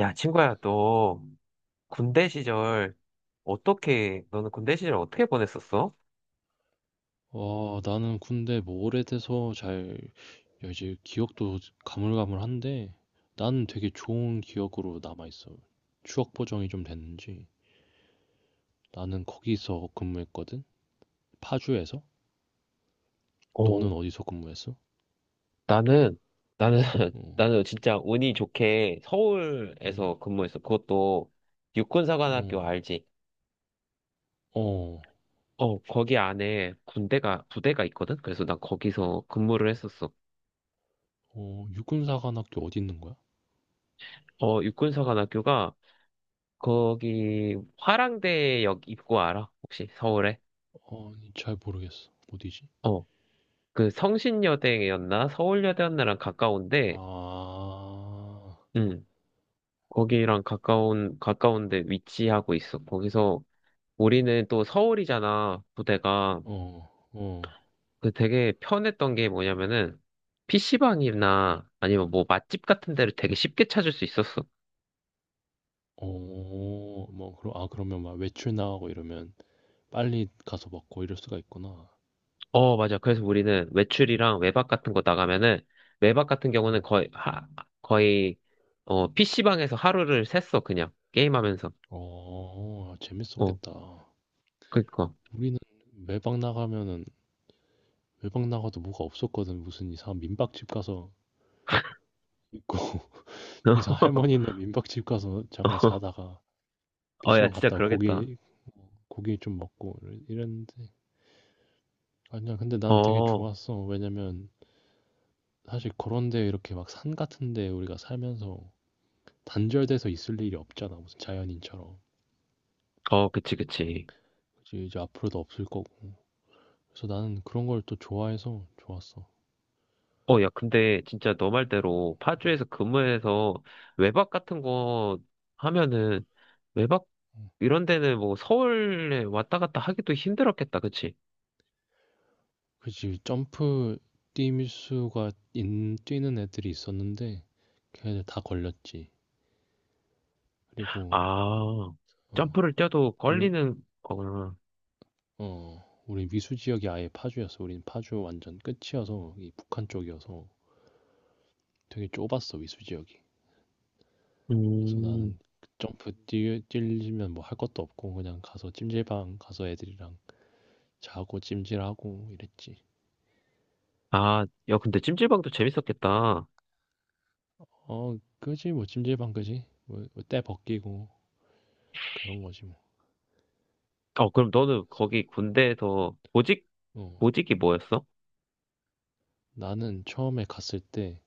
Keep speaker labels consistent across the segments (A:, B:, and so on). A: 야, 친구야, 너 군대 시절 어떻게, 너는 군대 시절 어떻게 보냈었어?
B: 와, 나는 근데 뭐 오래돼서 야, 이제 기억도 가물가물한데, 나는 되게 좋은 기억으로 남아있어. 추억 보정이 좀 됐는지. 나는 거기서 근무했거든? 파주에서?
A: 어,
B: 너는 어디서 근무했어?
A: 나는, 나는,
B: 어,
A: 나는 진짜 운이 좋게
B: 음,
A: 서울에서 근무했어. 그것도 육군사관학교
B: 어,
A: 알지?
B: 어,
A: 어, 거기 안에 부대가 있거든? 그래서 난 거기서 근무를 했었어.
B: 어, 육군사관학교 어디 있는 거야?
A: 어, 육군사관학교가 거기 화랑대역 입구 알아? 혹시 서울에?
B: 어, 잘 모르겠어. 어디지?
A: 어, 그 성신여대였나? 서울여대였나랑
B: 아,
A: 가까운데,
B: 어,
A: 음, 거기랑 가까운데 위치하고 있어. 거기서 우리는 또 서울이잖아, 부대가.
B: 어,
A: 그 되게 편했던 게 뭐냐면은, PC방이나 아니면 뭐 맛집 같은 데를 되게 쉽게 찾을 수 있었어.
B: 어, 뭐, 아, 그러면 막 외출 나가고 이러면 빨리 가서 먹고 이럴 수가 있구나.
A: 어, 맞아. 그래서 우리는 외출이랑 외박 같은 거 나가면은, 외박 같은 경우는
B: 어,
A: 거의, 어, PC방에서 하루를 샜어, 그냥. 게임하면서.
B: 어,
A: 어,
B: 재밌었겠다.
A: 그니까.
B: 우리는 외박 나가면은 외박 나가도 뭐가 없었거든. 무슨 이상한 민박집 가서 있고 이상 한 할머니네 민박집 가서 잠깐 자다가
A: 어, 야,
B: PC방
A: 진짜
B: 갔다가
A: 그러겠다.
B: 고기 좀 먹고 이랬는데 아니야. 근데 난 되게
A: 어,
B: 좋았어. 왜냐면 사실 그런데 이렇게 막 산 같은데 우리가 살면서 단절돼서 있을 일이 없잖아. 무슨 자연인처럼.
A: 어, 그치.
B: 그치, 이제 앞으로도 없을 거고. 그래서 나는 그런 걸 또 좋아해서 좋았어.
A: 어, 야, 근데 진짜 너 말대로 파주에서 근무해서 외박 같은 거 하면은 외박 이런 데는 뭐 서울에 왔다 갔다 하기도 힘들었겠다, 그치?
B: 그치, 점프 뛰는 애들이 있었는데 걔네들 다 걸렸지. 그리고
A: 아,
B: 어,
A: 점프를 뛰어도
B: 우리
A: 걸리는 거구나.
B: 우리 미수 지역이 아예 파주였어. 우린 파주 완전 끝이어서 이 북한 쪽이어서 되게 좁았어 미수 지역이. 그래서
A: 음,
B: 나는 그 점프 뛰면 뭐 할 것도 없고 그냥 가서 찜질방 가서 애들이랑 자고 찜질하고 이랬지.
A: 아, 야, 근데 찜질방도 재밌었겠다.
B: 어, 그지 뭐 찜질방 그지 뭐 뭐 때 벗기고 그런 거지 뭐.
A: 어, 그럼 너는 거기 군대에서
B: 어,
A: 보직이 뭐였어?
B: 나는 처음에 갔을 때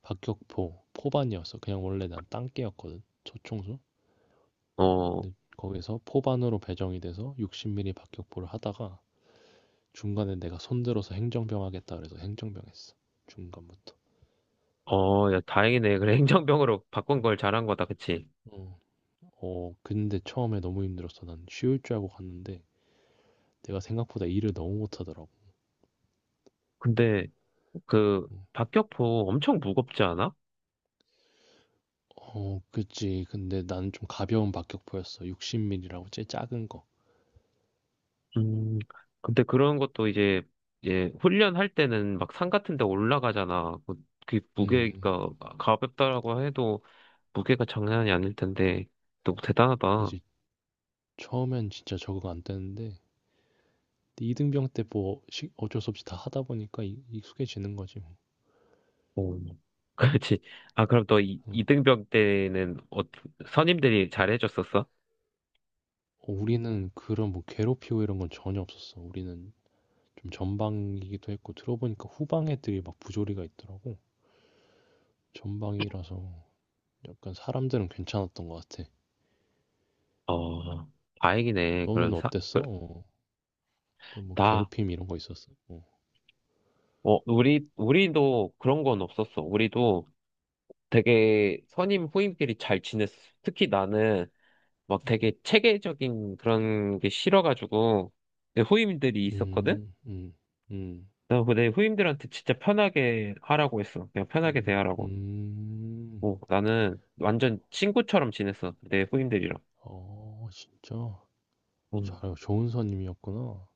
B: 박격포 포반이었어. 그냥 원래 난 땅개였거든. 초청소.
A: 어,
B: 근데 거기서 포반으로 배정이 돼서 60mm 박격포를 하다가 중간에 내가 손들어서 행정병 하겠다 그래서 행정병 했어. 중간부터.
A: 어, 야, 다행이네. 그래, 행정병으로 바꾼 걸 잘한 거다, 그치?
B: 어, 어, 근데 처음에 너무 힘들었어. 난 쉬울 줄 알고 갔는데 내가 생각보다 일을 너무 못하더라고.
A: 근데 그
B: 어,
A: 박격포 엄청 무겁지 않아?
B: 어, 그치. 근데 난 좀 가벼운 박격포였어. 60mm라고 제일 작은 거.
A: 음, 근데 그런 것도 이제 훈련할 때는 막 산 같은 데 올라가잖아. 그
B: 음,
A: 무게가 가볍다라고 해도 무게가 장난이 아닐 텐데 너무 대단하다.
B: 그치. 처음엔 진짜 적응 안 되는데 2등병 때 뭐 어쩔 수 없이 다 하다 보니까 익 익숙해지는 거지 뭐.
A: 오, 그렇지. 아, 그럼 너
B: 어.
A: 이등병 때는 어, 선임들이 잘해줬었어?
B: 어 우리는 그런 뭐 괴롭히고 이런 건 전혀 없었어. 우리는 좀 전방이기도 했고 들어보니까 후방 애들이 막 부조리가 있더라고. 전방이라서 약간 사람들은 괜찮았던 것 같아.
A: 어, 다행이네.
B: 너는 어땠어? 어. 너뭐
A: 나,
B: 괴롭힘 이런 거 있었어? 어.
A: 어, 우리도 그런 건 없었어. 우리도 되게 선임 후임끼리 잘 지냈어. 특히 나는 막
B: 음.
A: 되게 체계적인 그런 게 싫어가지고 내 후임들이 있었거든?
B: 음. 음. 음.
A: 그래서 내 후임들한테 진짜 편하게 하라고 했어. 그냥 편하게
B: 음.
A: 대하라고.
B: 음.
A: 어, 나는 완전 친구처럼 지냈어. 내 후임들이랑.
B: 어 진짜
A: 음.
B: 잘 좋은 선임이었구나.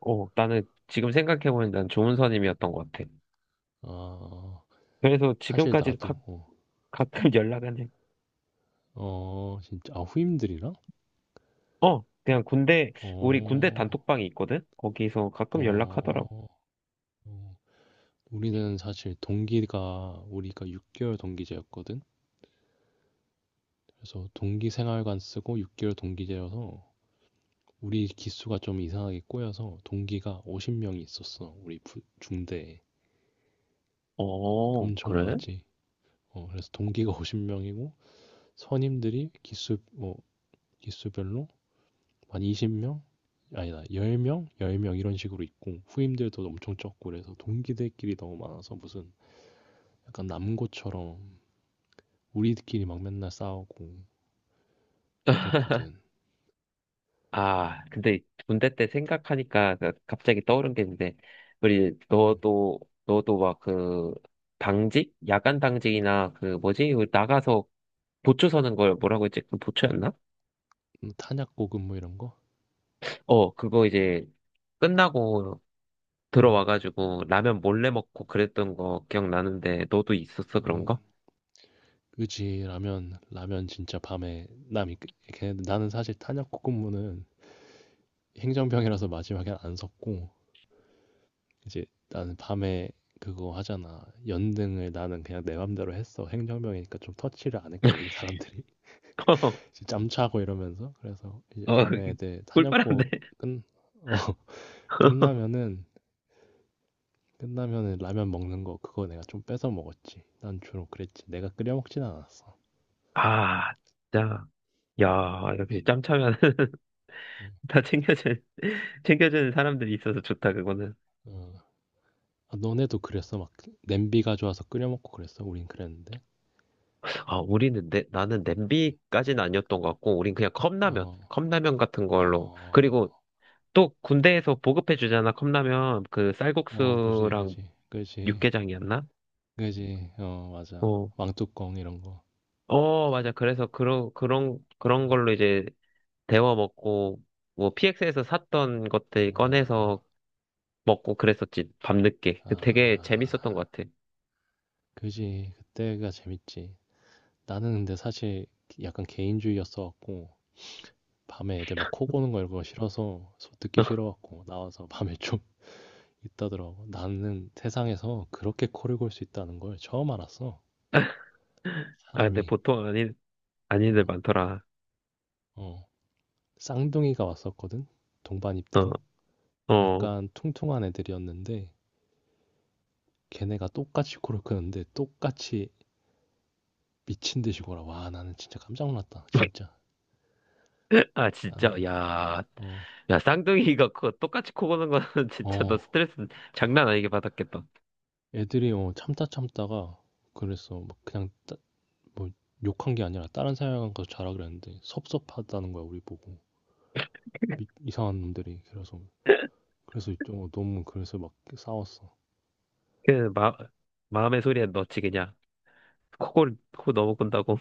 A: 어, 나는 지금 생각해보니 난 좋은 선임이었던 것 같아.
B: 아,
A: 그래서
B: 사실
A: 지금까지도
B: 나도, 어,
A: 가끔 연락은 해.
B: 어, 진짜, 아, 후임들이랑?
A: 어, 우리 군대
B: 어,
A: 단톡방이 있거든? 거기서 가끔
B: 어,
A: 연락하더라고.
B: 어. 우리는 사실 동기가, 우리가 6개월 동기제였거든? 그래서 동기 생활관 쓰고 6개월 동기제여서 우리 기수가 좀 이상하게 꼬여서 동기가 50명이 있었어. 우리 중대에.
A: 어,
B: 엄청
A: 그래?
B: 많았지. 어, 그래서 동기가 50명이고 선임들이 기수, 뭐, 기수별로 한 20명? 아니다, 10명? 10명 이런 식으로 있고, 후임들도 엄청 적고, 그래서 동기들끼리 너무 많아서 무슨 약간 남고처럼 우리끼리 막 맨날 싸우고 그랬거든.
A: 아, 근데 군대 때 생각하니까 갑자기 떠오른 게 있는데, 우리
B: 음,
A: 너도 막 그 당직, 야간 당직이나 그 뭐지? 그 나가서 보초 서는 걸 뭐라고 했지? 그 보초였나?
B: 탄약고급 뭐 이런 거?
A: 어, 그거 이제 끝나고
B: 음,
A: 들어와가지고 라면 몰래 먹고 그랬던 거 기억나는데, 너도 있었어 그런
B: 음,
A: 거?
B: 그지, 라면 진짜 밤에, 남이, 걔네들, 나는 사실 탄약고 근무는 행정병이라서 마지막엔 안 섰고, 이제 나는 밤에 그거 하잖아. 연등을 나는 그냥 내 맘대로 했어. 행정병이니까 좀 터치를 안 했거든, 사람들이. 이제 짬차고 이러면서 그래서 이제
A: 어,
B: 밤에 애들
A: 꿀빨한데.
B: 사냥고 끝 어, 끝나면은 끝나면은 라면 먹는 거 그거 내가 좀 뺏어 먹었지. 난 주로 그랬지. 내가 끓여 먹진 않았어.
A: 아, 진짜. 야, 역시 짬차면.
B: 응.
A: 다 챙겨주는 사람들이 있어서 좋다, 그거는.
B: 어. 아, 너네도 그랬어? 막 냄비 가져와서 끓여 먹고 그랬어? 우린 그랬는데.
A: 아, 우리는 나는 냄비까지는 아니었던 것 같고, 우린 그냥
B: 어,
A: 컵라면 같은
B: 어,
A: 걸로. 그리고
B: 어,
A: 또 군대에서 보급해 주잖아, 컵라면. 그
B: 어, 그지,
A: 쌀국수랑
B: 그지, 그지,
A: 육개장이었나?
B: 그지. 어, 맞아.
A: 어,
B: 왕뚜껑 이런 거.
A: 어, 맞아. 그래서 그런 걸로 이제 데워 먹고, 뭐 PX에서 샀던 것들 꺼내서
B: 어,
A: 먹고 그랬었지, 밤늦게.
B: 아,
A: 그 되게 재밌었던 것 같아.
B: 그지. 그때가 재밌지. 나는 근데 사실 약간 개인주의였어갖고 밤에 애들 막 코 고는 거 이런 거 싫어서 듣기 싫어갖고 나와서 밤에 좀 있다더라고. 나는 세상에서 그렇게 코를 골 수 있다는 걸 처음 알았어.
A: 아, 근데
B: 사람이
A: 아닌들
B: 어,
A: 많더라.
B: 어. 쌍둥이가 왔었거든. 동반
A: 어,
B: 입대로.
A: 어.
B: 약간 퉁퉁한 애들이었는데 걔네가 똑같이 코를 크는데 똑같이 미친 듯이 골아. 와, 나는 진짜 깜짝 놀랐다. 진짜.
A: 아, 진짜,
B: 나는
A: 야.
B: 어,
A: 야, 쌍둥이가 그 똑같이 코 보는 거는 진짜 너
B: 어.
A: 스트레스 장난 아니게 받았겠다.
B: 애들이 어, 참다 참다가 그래서 막 그냥 뭐 욕한 게 아니라 다른 사람 가서 자라 그랬는데 섭섭하다는 거야 우리 보고. 이상한 놈들이. 그래서 그래서 좀 너무 그래서 막 싸웠어.
A: 그, 마, 마음의 소리에 넣지, 그냥. 코 너무 꾼다고.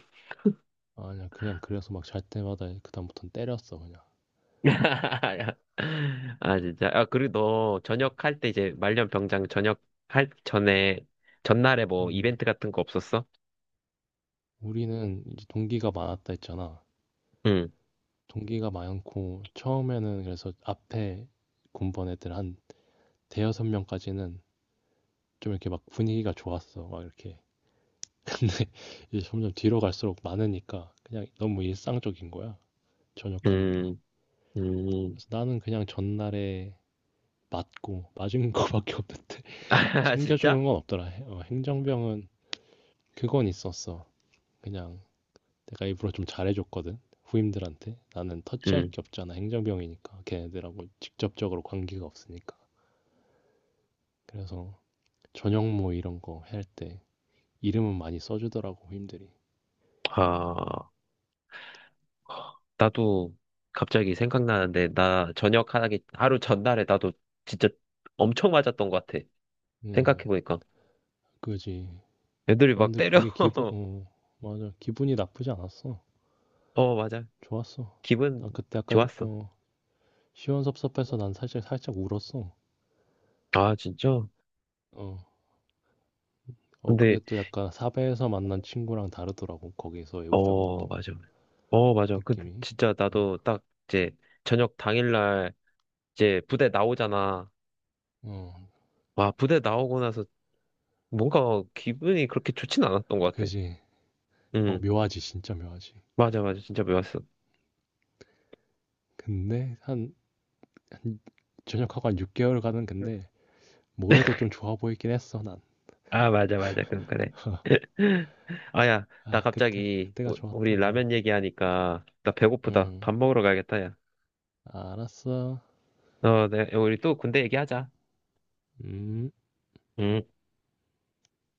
B: 아니야. 그냥 그래서 막 잘 때마다 그다음부터는 때렸어 그냥.
A: 아, 진짜. 아, 그리고 너 전역할 때 이제 말년병장 전역할 전에, 전날에 뭐
B: 음.
A: 이벤트 같은 거 없었어?
B: 우리는 이제 동기가 많았다 했잖아.
A: 응,
B: 동기가 많고 처음에는 그래서 앞에 군번 애들 한 대여섯 명까지는 좀 이렇게 막 분위기가 좋았어 막 이렇게 근데 이제 점점 뒤로 갈수록 많으니까 그냥 너무 일상적인 거야. 전역하는 게.
A: 음, 음.
B: 그래서 나는 그냥 전날에 맞고 맞은 거밖에 없는데
A: 아, 진짜?
B: 챙겨주는 건 없더라. 행정병은 그건 있었어. 그냥 내가 일부러 좀 잘해줬거든. 후임들한테 나는 터치할
A: 응.
B: 게 없잖아. 행정병이니까 걔네들하고 직접적으로 관계가 없으니까. 그래서 저녁 뭐 이런 거 할 때 이름은 많이 써주더라고 후임들이.
A: 아. 나도 갑자기 생각나는데, 나 하루 전날에 나도 진짜 엄청 맞았던 것 같아.
B: 음,
A: 생각해보니까.
B: 그지.
A: 애들이
B: 어,
A: 막
B: 근데
A: 때려.
B: 그게 어, 맞아. 기분이 나쁘지 않았어.
A: 어, 맞아.
B: 좋았어.
A: 기분
B: 난 그때 약간
A: 좋았어.
B: 시원섭섭해서 난 살짝 살짝 울었어.
A: 아, 진짜?
B: 어, 어, 그게
A: 근데,
B: 또 약간 사배에서 만난 친구랑 다르더라고. 거기서의 우정은
A: 어,
B: 또
A: 맞아. 어, 맞아. 근데
B: 느낌이.
A: 진짜
B: 어,
A: 나도 딱 이제 저녁 당일날 이제 부대 나오잖아.
B: 어,
A: 와, 부대 나오고 나서 뭔가 기분이 그렇게 좋진 않았던 것 같아.
B: 그지. 어,
A: 응,
B: 묘하지. 진짜 묘하지.
A: 맞아. 진짜 배웠어.
B: 근데 한 전역하고 한 6개월 가는 근데 모래도 좀 좋아 보이긴 했어, 난.
A: 아, 맞아. 그럼 그래. 아, 야, 나
B: 아, 그때,
A: 갑자기,
B: 그때가
A: 우- 우리
B: 좋았다. 어.
A: 라면 얘기하니까, 나 배고프다.
B: 음,
A: 밥 먹으러 가야겠다, 야.
B: 알았어.
A: 어, 네, 우리 또 군대 얘기하자.
B: 음.
A: 음.